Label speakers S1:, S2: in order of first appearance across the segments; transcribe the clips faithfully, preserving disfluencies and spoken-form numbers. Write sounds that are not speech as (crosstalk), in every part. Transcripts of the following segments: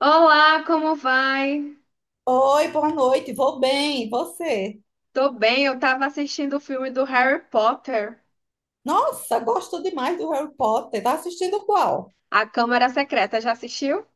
S1: Olá, como vai?
S2: Oi, boa noite. Vou bem, e você?
S1: Tô bem, eu tava assistindo o filme do Harry Potter,
S2: Nossa, gosto demais do Harry Potter. Tá assistindo qual?
S1: A Câmara Secreta. Já assistiu?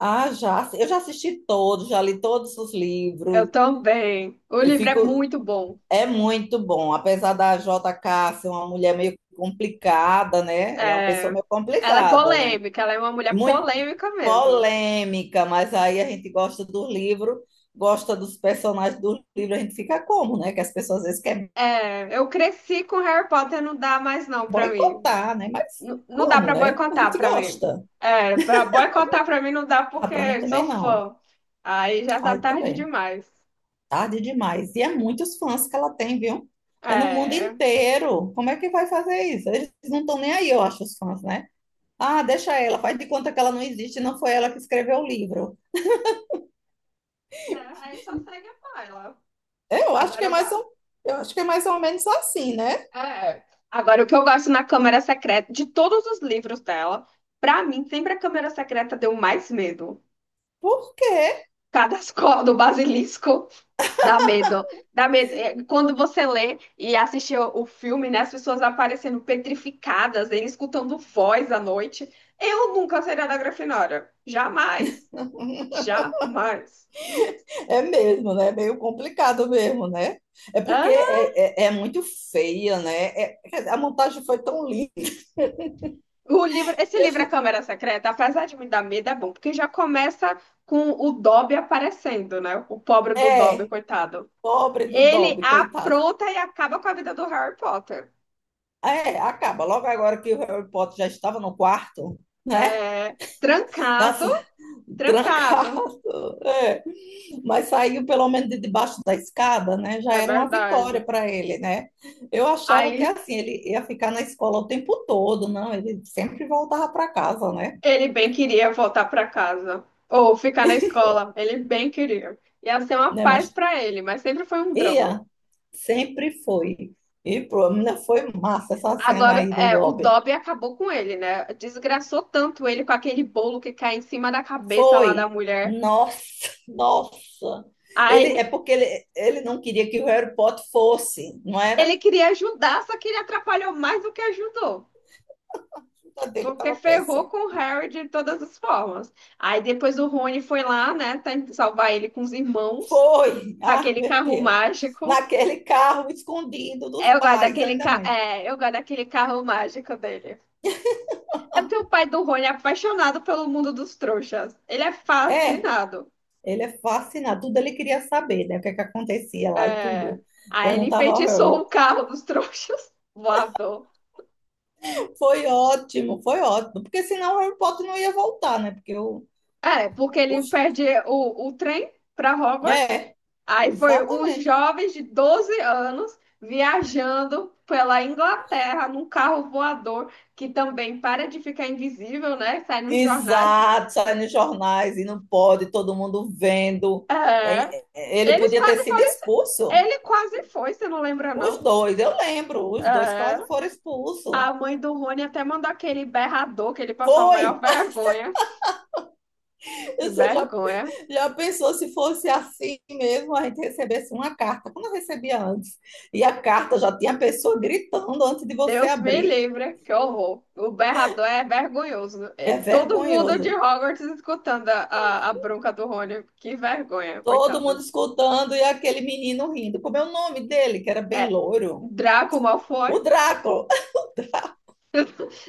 S2: Ah, já. Eu já assisti todos, já li todos os
S1: Eu
S2: livros.
S1: também. O
S2: Eu
S1: livro é
S2: fico.
S1: muito bom.
S2: É muito bom. Apesar da jota ká ser uma mulher meio complicada, né? Ela é uma pessoa
S1: É,
S2: meio
S1: ela é
S2: complicada, né?
S1: polêmica, ela é uma mulher
S2: Muito
S1: polêmica mesmo.
S2: polêmica, mas aí a gente gosta do livro, gosta dos personagens do livro. A gente fica como, né? Que as pessoas às vezes querem
S1: É, eu cresci com Harry Potter, não dá mais não pra mim.
S2: boicotar, né? Mas
S1: N- não dá
S2: como,
S1: pra
S2: né? A
S1: boicotar
S2: gente
S1: pra mim.
S2: gosta.
S1: É, pra boicotar pra mim não dá
S2: Ah, pra mim
S1: porque sou
S2: também não.
S1: fã. Aí já tá
S2: Ai,
S1: tarde
S2: também.
S1: demais.
S2: Tarde demais. E é muitos fãs que ela tem, viu? É no mundo
S1: É,
S2: inteiro. Como é que vai fazer isso? Eles não estão nem aí, eu acho, os fãs, né? Ah, deixa ela, faz de conta que ela não existe, não foi ela que escreveu o livro.
S1: é, aí só segue a ela.
S2: Eu acho que
S1: Agora
S2: é
S1: eu
S2: mais
S1: gosto.
S2: ou, eu acho que é mais ou menos assim, né?
S1: É. Agora, o que eu gosto na Câmara Secreta, de todos os livros dela, pra mim, sempre a Câmara Secreta deu mais medo.
S2: Por quê?
S1: Cadascó (laughs) do Basilisco dá medo. Dá medo. É, quando você lê e assiste o o filme, né, as pessoas aparecendo petrificadas, ele escutando voz à noite. Eu nunca seria da Grifinória. Jamais.
S2: (laughs)
S1: Jamais.
S2: É mesmo, né? É meio complicado mesmo, né? É porque é, é, é muito feia, né? É- a montagem foi tão linda.
S1: O livro, esse livro, A Câmara Secreta, apesar de me dar medo, é bom, porque já começa com o Dobby aparecendo, né? O pobre do Dobby,
S2: É,
S1: coitado.
S2: pobre do
S1: Ele
S2: Dobby, coitado.
S1: apronta e acaba com a vida do Harry Potter.
S2: É, acaba. Logo agora que o Harry Potter já estava no quarto, né?
S1: É, trancado,
S2: Nossa, (laughs)
S1: trancado,
S2: trancado. É. Mas saiu pelo menos de debaixo da escada, né? Já
S1: é
S2: era uma vitória
S1: verdade.
S2: para ele, né? Eu achava que
S1: Aí
S2: assim, ele ia ficar na escola o tempo todo, não? Ele sempre voltava para casa, né?
S1: ele bem queria voltar para casa ou ficar na escola, ele bem queria. Ia ser uma
S2: Né?
S1: paz
S2: Mas
S1: para ele, mas sempre foi um drama.
S2: ia, sempre foi. E pô, menina, foi massa essa cena
S1: Agora,
S2: aí do
S1: é, o
S2: Dobby.
S1: Dobby acabou com ele, né? Desgraçou tanto ele com aquele bolo que cai em cima da cabeça lá da
S2: Foi.
S1: mulher.
S2: Nossa, (laughs) nossa. Ele,
S1: Aí
S2: é porque ele, ele não queria que o Harry Potter fosse, não era?
S1: ele
S2: A
S1: queria ajudar, só que ele atrapalhou mais do que ajudou.
S2: vida dele
S1: Porque
S2: estava
S1: ferrou
S2: péssima.
S1: com o Harry de todas as formas. Aí depois o Rony foi lá, né? Tentar salvar ele com os irmãos,
S2: Foi.
S1: com
S2: Ah,
S1: aquele
S2: meu
S1: carro
S2: Deus.
S1: mágico.
S2: Naquele carro escondido dos
S1: Eu gosto
S2: pais,
S1: daquele,
S2: ainda
S1: ca...
S2: mais.
S1: é, eu gosto daquele carro mágico dele. É porque o pai do Rony é apaixonado pelo mundo dos trouxas. Ele é
S2: É,
S1: fascinado.
S2: ele é fascinado. Tudo ele queria saber, né? O que é que acontecia lá e
S1: É.
S2: tudo.
S1: Aí ele
S2: Perguntava ao
S1: enfeitiçou
S2: Harry.
S1: o carro dos trouxas, (laughs) voador.
S2: Foi ótimo, foi ótimo. Porque senão o Harry Potter não ia voltar, né? Porque o,
S1: É, porque ele
S2: os,
S1: perde o, o trem para Hogwarts.
S2: é,
S1: Aí foi um
S2: exatamente.
S1: jovem de doze anos viajando pela Inglaterra num carro voador que também para de ficar invisível, né? Sai nos jornais.
S2: Exato, sai nos jornais e não pode, todo mundo vendo.
S1: É.
S2: Eh, Ele
S1: Eles
S2: podia ter
S1: quase
S2: sido
S1: foram.
S2: expulso,
S1: Ele quase foi, você não lembra,
S2: os
S1: não?
S2: dois, eu lembro, os dois
S1: É.
S2: quase foram expulsos.
S1: A mãe do Rony até mandou aquele berrador que ele passou a
S2: Foi!
S1: maior vergonha.
S2: (laughs)
S1: Que
S2: Você já,
S1: vergonha.
S2: já pensou se fosse assim mesmo, a gente recebesse uma carta, como eu recebia antes, e a carta já tinha a pessoa gritando antes de você
S1: Deus me
S2: abrir.
S1: livre, que horror. O berrador é vergonhoso. E
S2: É
S1: todo mundo
S2: vergonhoso.
S1: de Hogwarts escutando a, a, a bronca do Rony. Que vergonha,
S2: Todo mundo
S1: coitado.
S2: escutando e aquele menino rindo. Como é o nome dele, que era bem
S1: É,
S2: louro?
S1: Draco
S2: O
S1: Malfoy.
S2: Drácula. (laughs)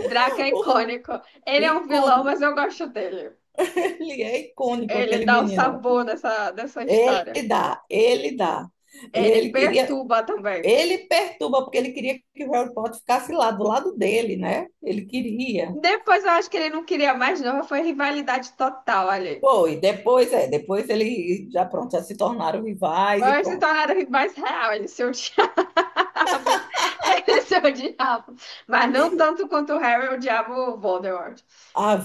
S1: Draco é icônico. Ele é um vilão,
S2: Icônico.
S1: mas eu gosto dele.
S2: Ele é icônico,
S1: Ele
S2: aquele
S1: dá o
S2: menino.
S1: sabor dessa, dessa história.
S2: Ele dá, ele dá. E
S1: Ele
S2: ele queria,
S1: perturba também.
S2: ele perturba, porque ele queria que o Harry Potter ficasse lá, do lado dele, né? Ele queria.
S1: Depois eu acho que ele não queria mais, não. Foi rivalidade total ali.
S2: Foi, depois, é, depois ele já pronto, já se tornaram rivais e
S1: Vai se
S2: pronto.
S1: tornar mais real, ele seu diabo. (laughs) Ele seu diabo. (laughs) Mas não tanto quanto o Harry, odiava o diabo Voldemort.
S2: Ah,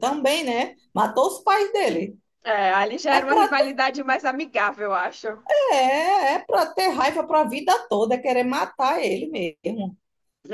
S2: também, né? Matou os pais dele.
S1: É, ali já
S2: É
S1: era uma
S2: para ter,
S1: rivalidade mais amigável, eu acho.
S2: é, é para ter raiva para a vida toda, é querer matar ele mesmo.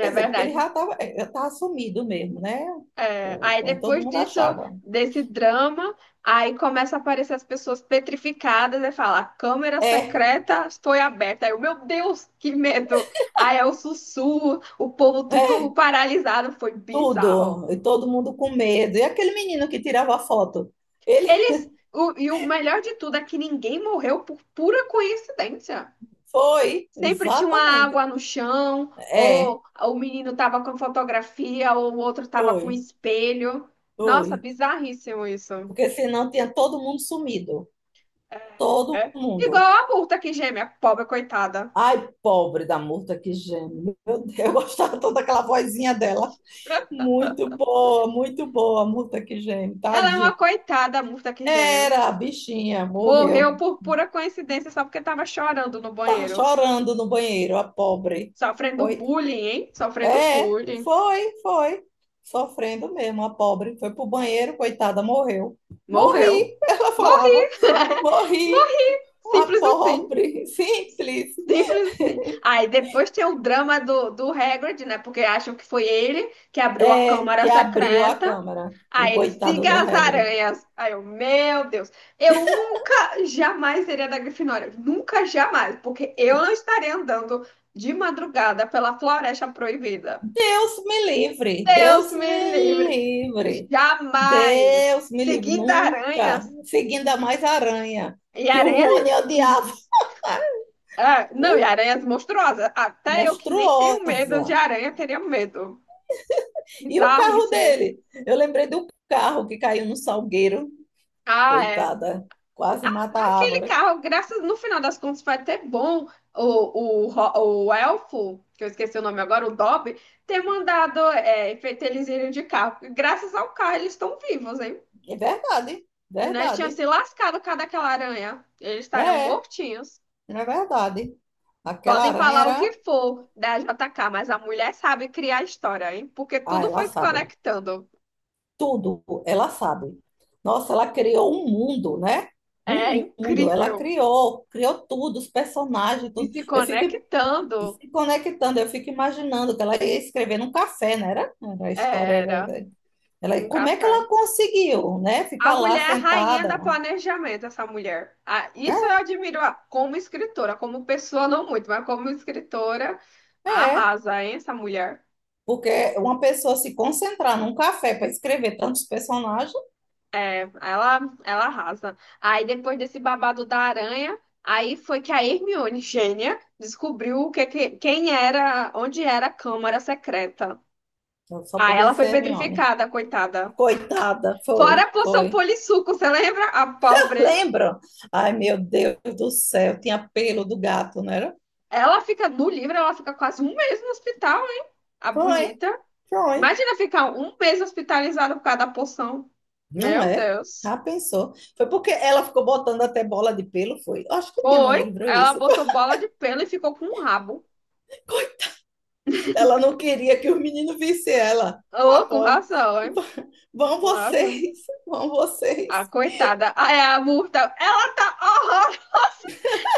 S2: Quer dizer, porque ele
S1: verdade.
S2: já estava, já tava sumido mesmo, né?
S1: É,
S2: O-
S1: aí
S2: o- Todo
S1: depois
S2: mundo
S1: disso,
S2: achava.
S1: desse drama, aí começa a aparecer as pessoas petrificadas e fala, a câmera
S2: É,
S1: secreta foi aberta. Aí eu, meu Deus, que medo! Aí é o sussurro, o povo
S2: é,
S1: tudo paralisado, foi bizarro.
S2: Tudo, e todo mundo com medo. E aquele menino que tirava a foto? Ele
S1: Eles. O- e o melhor de tudo é que ninguém morreu por pura coincidência.
S2: (laughs) foi,
S1: Sempre tinha uma
S2: exatamente.
S1: água no chão,
S2: É,
S1: ou o menino tava com fotografia, ou o outro tava com
S2: foi,
S1: espelho. Nossa,
S2: foi.
S1: bizarríssimo isso.
S2: Porque senão tinha todo mundo sumido. Todo
S1: É. Igual
S2: mundo.
S1: a Murta que geme, a pobre coitada.
S2: Ai, pobre da Murta, que gênio. Meu Deus, eu gostava toda aquela vozinha dela. Muito boa, muito boa, Murta, que gênio.
S1: Ela é uma
S2: Tadinha.
S1: coitada, a Murta que geme.
S2: Era, a bichinha, morreu.
S1: Morreu por pura coincidência só porque tava chorando no
S2: Tava
S1: banheiro.
S2: chorando no banheiro, a pobre.
S1: Sofrendo bullying, hein? Sofrendo
S2: É,
S1: bullying.
S2: foi, foi. Sofrendo mesmo, a pobre. Foi pro banheiro, coitada, morreu.
S1: Morreu.
S2: Morri, (laughs) ela
S1: Morreu.
S2: falava,
S1: (laughs)
S2: morri, a
S1: Simples assim.
S2: pobre, (laughs) simples.
S1: Simples assim. Aí depois tem o drama do, do Hagrid, né? Porque acham que foi ele que abriu a
S2: É,
S1: câmara
S2: que abriu a
S1: secreta.
S2: câmara, o
S1: Aí ele
S2: coitado
S1: siga
S2: do
S1: as
S2: Hagrid.
S1: aranhas. Aí eu, meu Deus, eu nunca, jamais seria da Grifinória. Nunca, jamais. Porque eu não estaria andando de madrugada pela Floresta Proibida.
S2: Deus me livre,
S1: Deus
S2: Deus
S1: me
S2: me
S1: livre.
S2: livre,
S1: Jamais.
S2: Deus me livre,
S1: Seguindo
S2: nunca.
S1: aranhas.
S2: Seguindo a mais aranha,
S1: E
S2: que o
S1: aranha.
S2: Rony odiava.
S1: Ah,
S2: (laughs)
S1: não, e
S2: O
S1: aranhas monstruosas. Até eu que nem tenho medo de
S2: monstruosa.
S1: aranha, teria medo.
S2: E o carro
S1: Bizarríssimo.
S2: dele? Eu lembrei do carro que caiu no salgueiro.
S1: Ah, é.
S2: Coitada, quase mata a
S1: Aquele
S2: árvore.
S1: carro, graças no final das contas, vai ter bom o, o, ro- o elfo, que eu esqueci o nome agora, o Dobby, ter mandado é, feito eles irem de carro. Porque graças ao carro, eles estão vivos, hein?
S2: É verdade,
S1: Senão eles tinham
S2: verdade.
S1: se lascado por causa daquela aranha. Eles
S2: É,
S1: estariam
S2: é
S1: mortinhos.
S2: é verdade. Aquela
S1: Podem
S2: aranha
S1: falar o
S2: era.
S1: que for da J K, mas a mulher sabe criar história, hein? Porque
S2: Ah,
S1: tudo
S2: ela
S1: foi se
S2: sabe.
S1: conectando.
S2: Tudo ela sabe. Nossa, ela criou um mundo, né?
S1: É
S2: Um mundo. Ela
S1: incrível.
S2: criou, criou tudo, os personagens,
S1: E
S2: tudo.
S1: se
S2: Eu fico
S1: conectando,
S2: se conectando, eu fico imaginando que ela ia escrever num café, né era? Era A história
S1: era
S2: era Ela,
S1: um
S2: como é que
S1: café.
S2: ela conseguiu, né?
S1: A
S2: Ficar
S1: mulher
S2: lá
S1: é a rainha
S2: sentada.
S1: da planejamento, essa mulher. Ah, isso eu
S2: É,
S1: admiro ah, como escritora, como pessoa não muito, mas como escritora,
S2: é,
S1: arrasa, hein, essa mulher.
S2: porque uma pessoa se concentrar num café para escrever tantos personagens,
S1: Ela, ela arrasa. Aí depois desse babado da aranha, aí foi que a Hermione, gênia, descobriu o que, que- quem era, onde era a Câmara Secreta.
S2: eu só
S1: Aí
S2: podia
S1: ela foi
S2: ser Hermione.
S1: petrificada, coitada.
S2: Coitada,
S1: Fora
S2: foi,
S1: a poção
S2: foi.
S1: polissuco, você lembra? A
S2: (laughs)
S1: pobre.
S2: Lembram? Ai, meu Deus do céu, tinha pelo do gato, não era?
S1: Ela fica no livro, ela fica quase um mês no hospital, hein? A
S2: Foi,
S1: bonita.
S2: foi.
S1: Imagina ficar um mês hospitalizada por causa da poção.
S2: Não
S1: Meu
S2: é?
S1: Deus.
S2: Já pensou? Foi porque ela ficou botando até bola de pelo, foi. Eu acho que tinha no
S1: Foi.
S2: livro
S1: Ela
S2: isso.
S1: botou bola de pelo e ficou com um rabo.
S2: (laughs) Ela não queria que os meninos vissem ela. A
S1: Ô, com
S2: pobre.
S1: razão, hein?
S2: Vão
S1: Com razão.
S2: vocês, vão
S1: A
S2: vocês.
S1: coitada. Ah, é a Murta. Ela tá. Horror.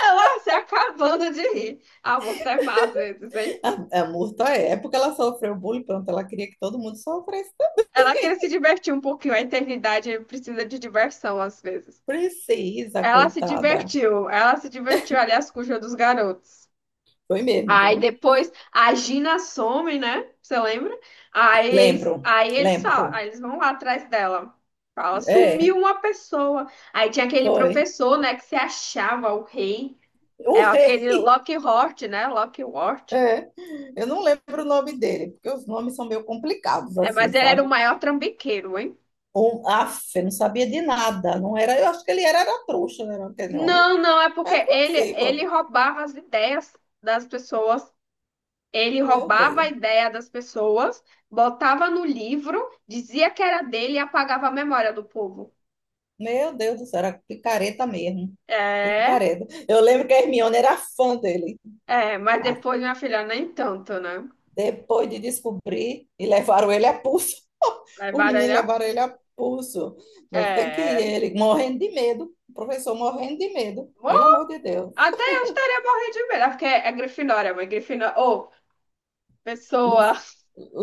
S1: Ela se acabando de rir. A Murta é má às vezes, hein?
S2: A, a Murta é, porque ela sofreu bullying, pronto, ela queria que todo mundo sofresse.
S1: Ela quer se divertir um pouquinho. A eternidade precisa de diversão às vezes.
S2: Precisa,
S1: Ela se
S2: coitada.
S1: divertiu, ela se divertiu, aliás, com o jogo dos garotos.
S2: Foi mesmo,
S1: Aí
S2: viu?
S1: depois a Gina some, né? Você lembra? Aí
S2: Lembro,
S1: eles, aí eles
S2: lembro.
S1: falam, aí eles vão lá atrás dela. Fala,
S2: É,
S1: sumiu uma pessoa. Aí tinha aquele
S2: foi.
S1: professor, né, que se achava o rei. É
S2: O rei,
S1: aquele Lockhart, né? Lockhart.
S2: é. Eu não lembro o nome dele, porque os nomes são meio complicados,
S1: É,
S2: assim,
S1: mas ele era o
S2: sabe?
S1: maior trambiqueiro, hein?
S2: Um, af, eu não sabia de nada. Não era, eu acho que ele era, era trouxa, né? Não era aquele nome.
S1: Não, não, é porque
S2: É
S1: ele, ele
S2: possível.
S1: roubava as ideias das pessoas. Ele
S2: Meu
S1: roubava a
S2: Deus.
S1: ideia das pessoas, botava no livro, dizia que era dele e apagava a memória do povo.
S2: Meu Deus do céu, era picareta mesmo.
S1: É,
S2: Picareta. Eu lembro que a Hermione era fã dele.
S1: é, mas
S2: Ah,
S1: depois, minha filha, nem tanto, né?
S2: depois de descobrir, e levaram ele a pulso. (laughs) Os
S1: Levaram
S2: meninos
S1: ele a
S2: levaram
S1: pulso.
S2: ele a pulso. Você que ir,
S1: É.
S2: ele, morrendo de medo. O professor morrendo de medo.
S1: Bom,
S2: Pelo amor de Deus.
S1: até eu estaria morrendo de medo, porque é Grifinória, mas Grifinória. Ô, pessoa.
S2: Lufa,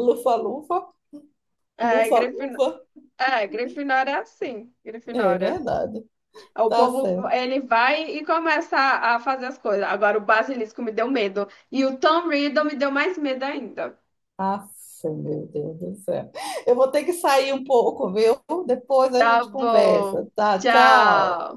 S2: lufa, lufa,
S1: É,
S2: lufa,
S1: Grifin...
S2: lufa.
S1: é, Grifinória é assim.
S2: É
S1: Grifinória.
S2: verdade.
S1: O
S2: Tá
S1: povo,
S2: certo.
S1: ele vai e começa a a fazer as coisas. Agora, o Basilisco me deu medo. E o Tom Riddle me deu mais medo ainda.
S2: Ah, meu Deus do céu. Eu vou ter que sair um pouco, viu? Depois a
S1: Tá
S2: gente
S1: bom.
S2: conversa, tá? Tchau.
S1: Tchau.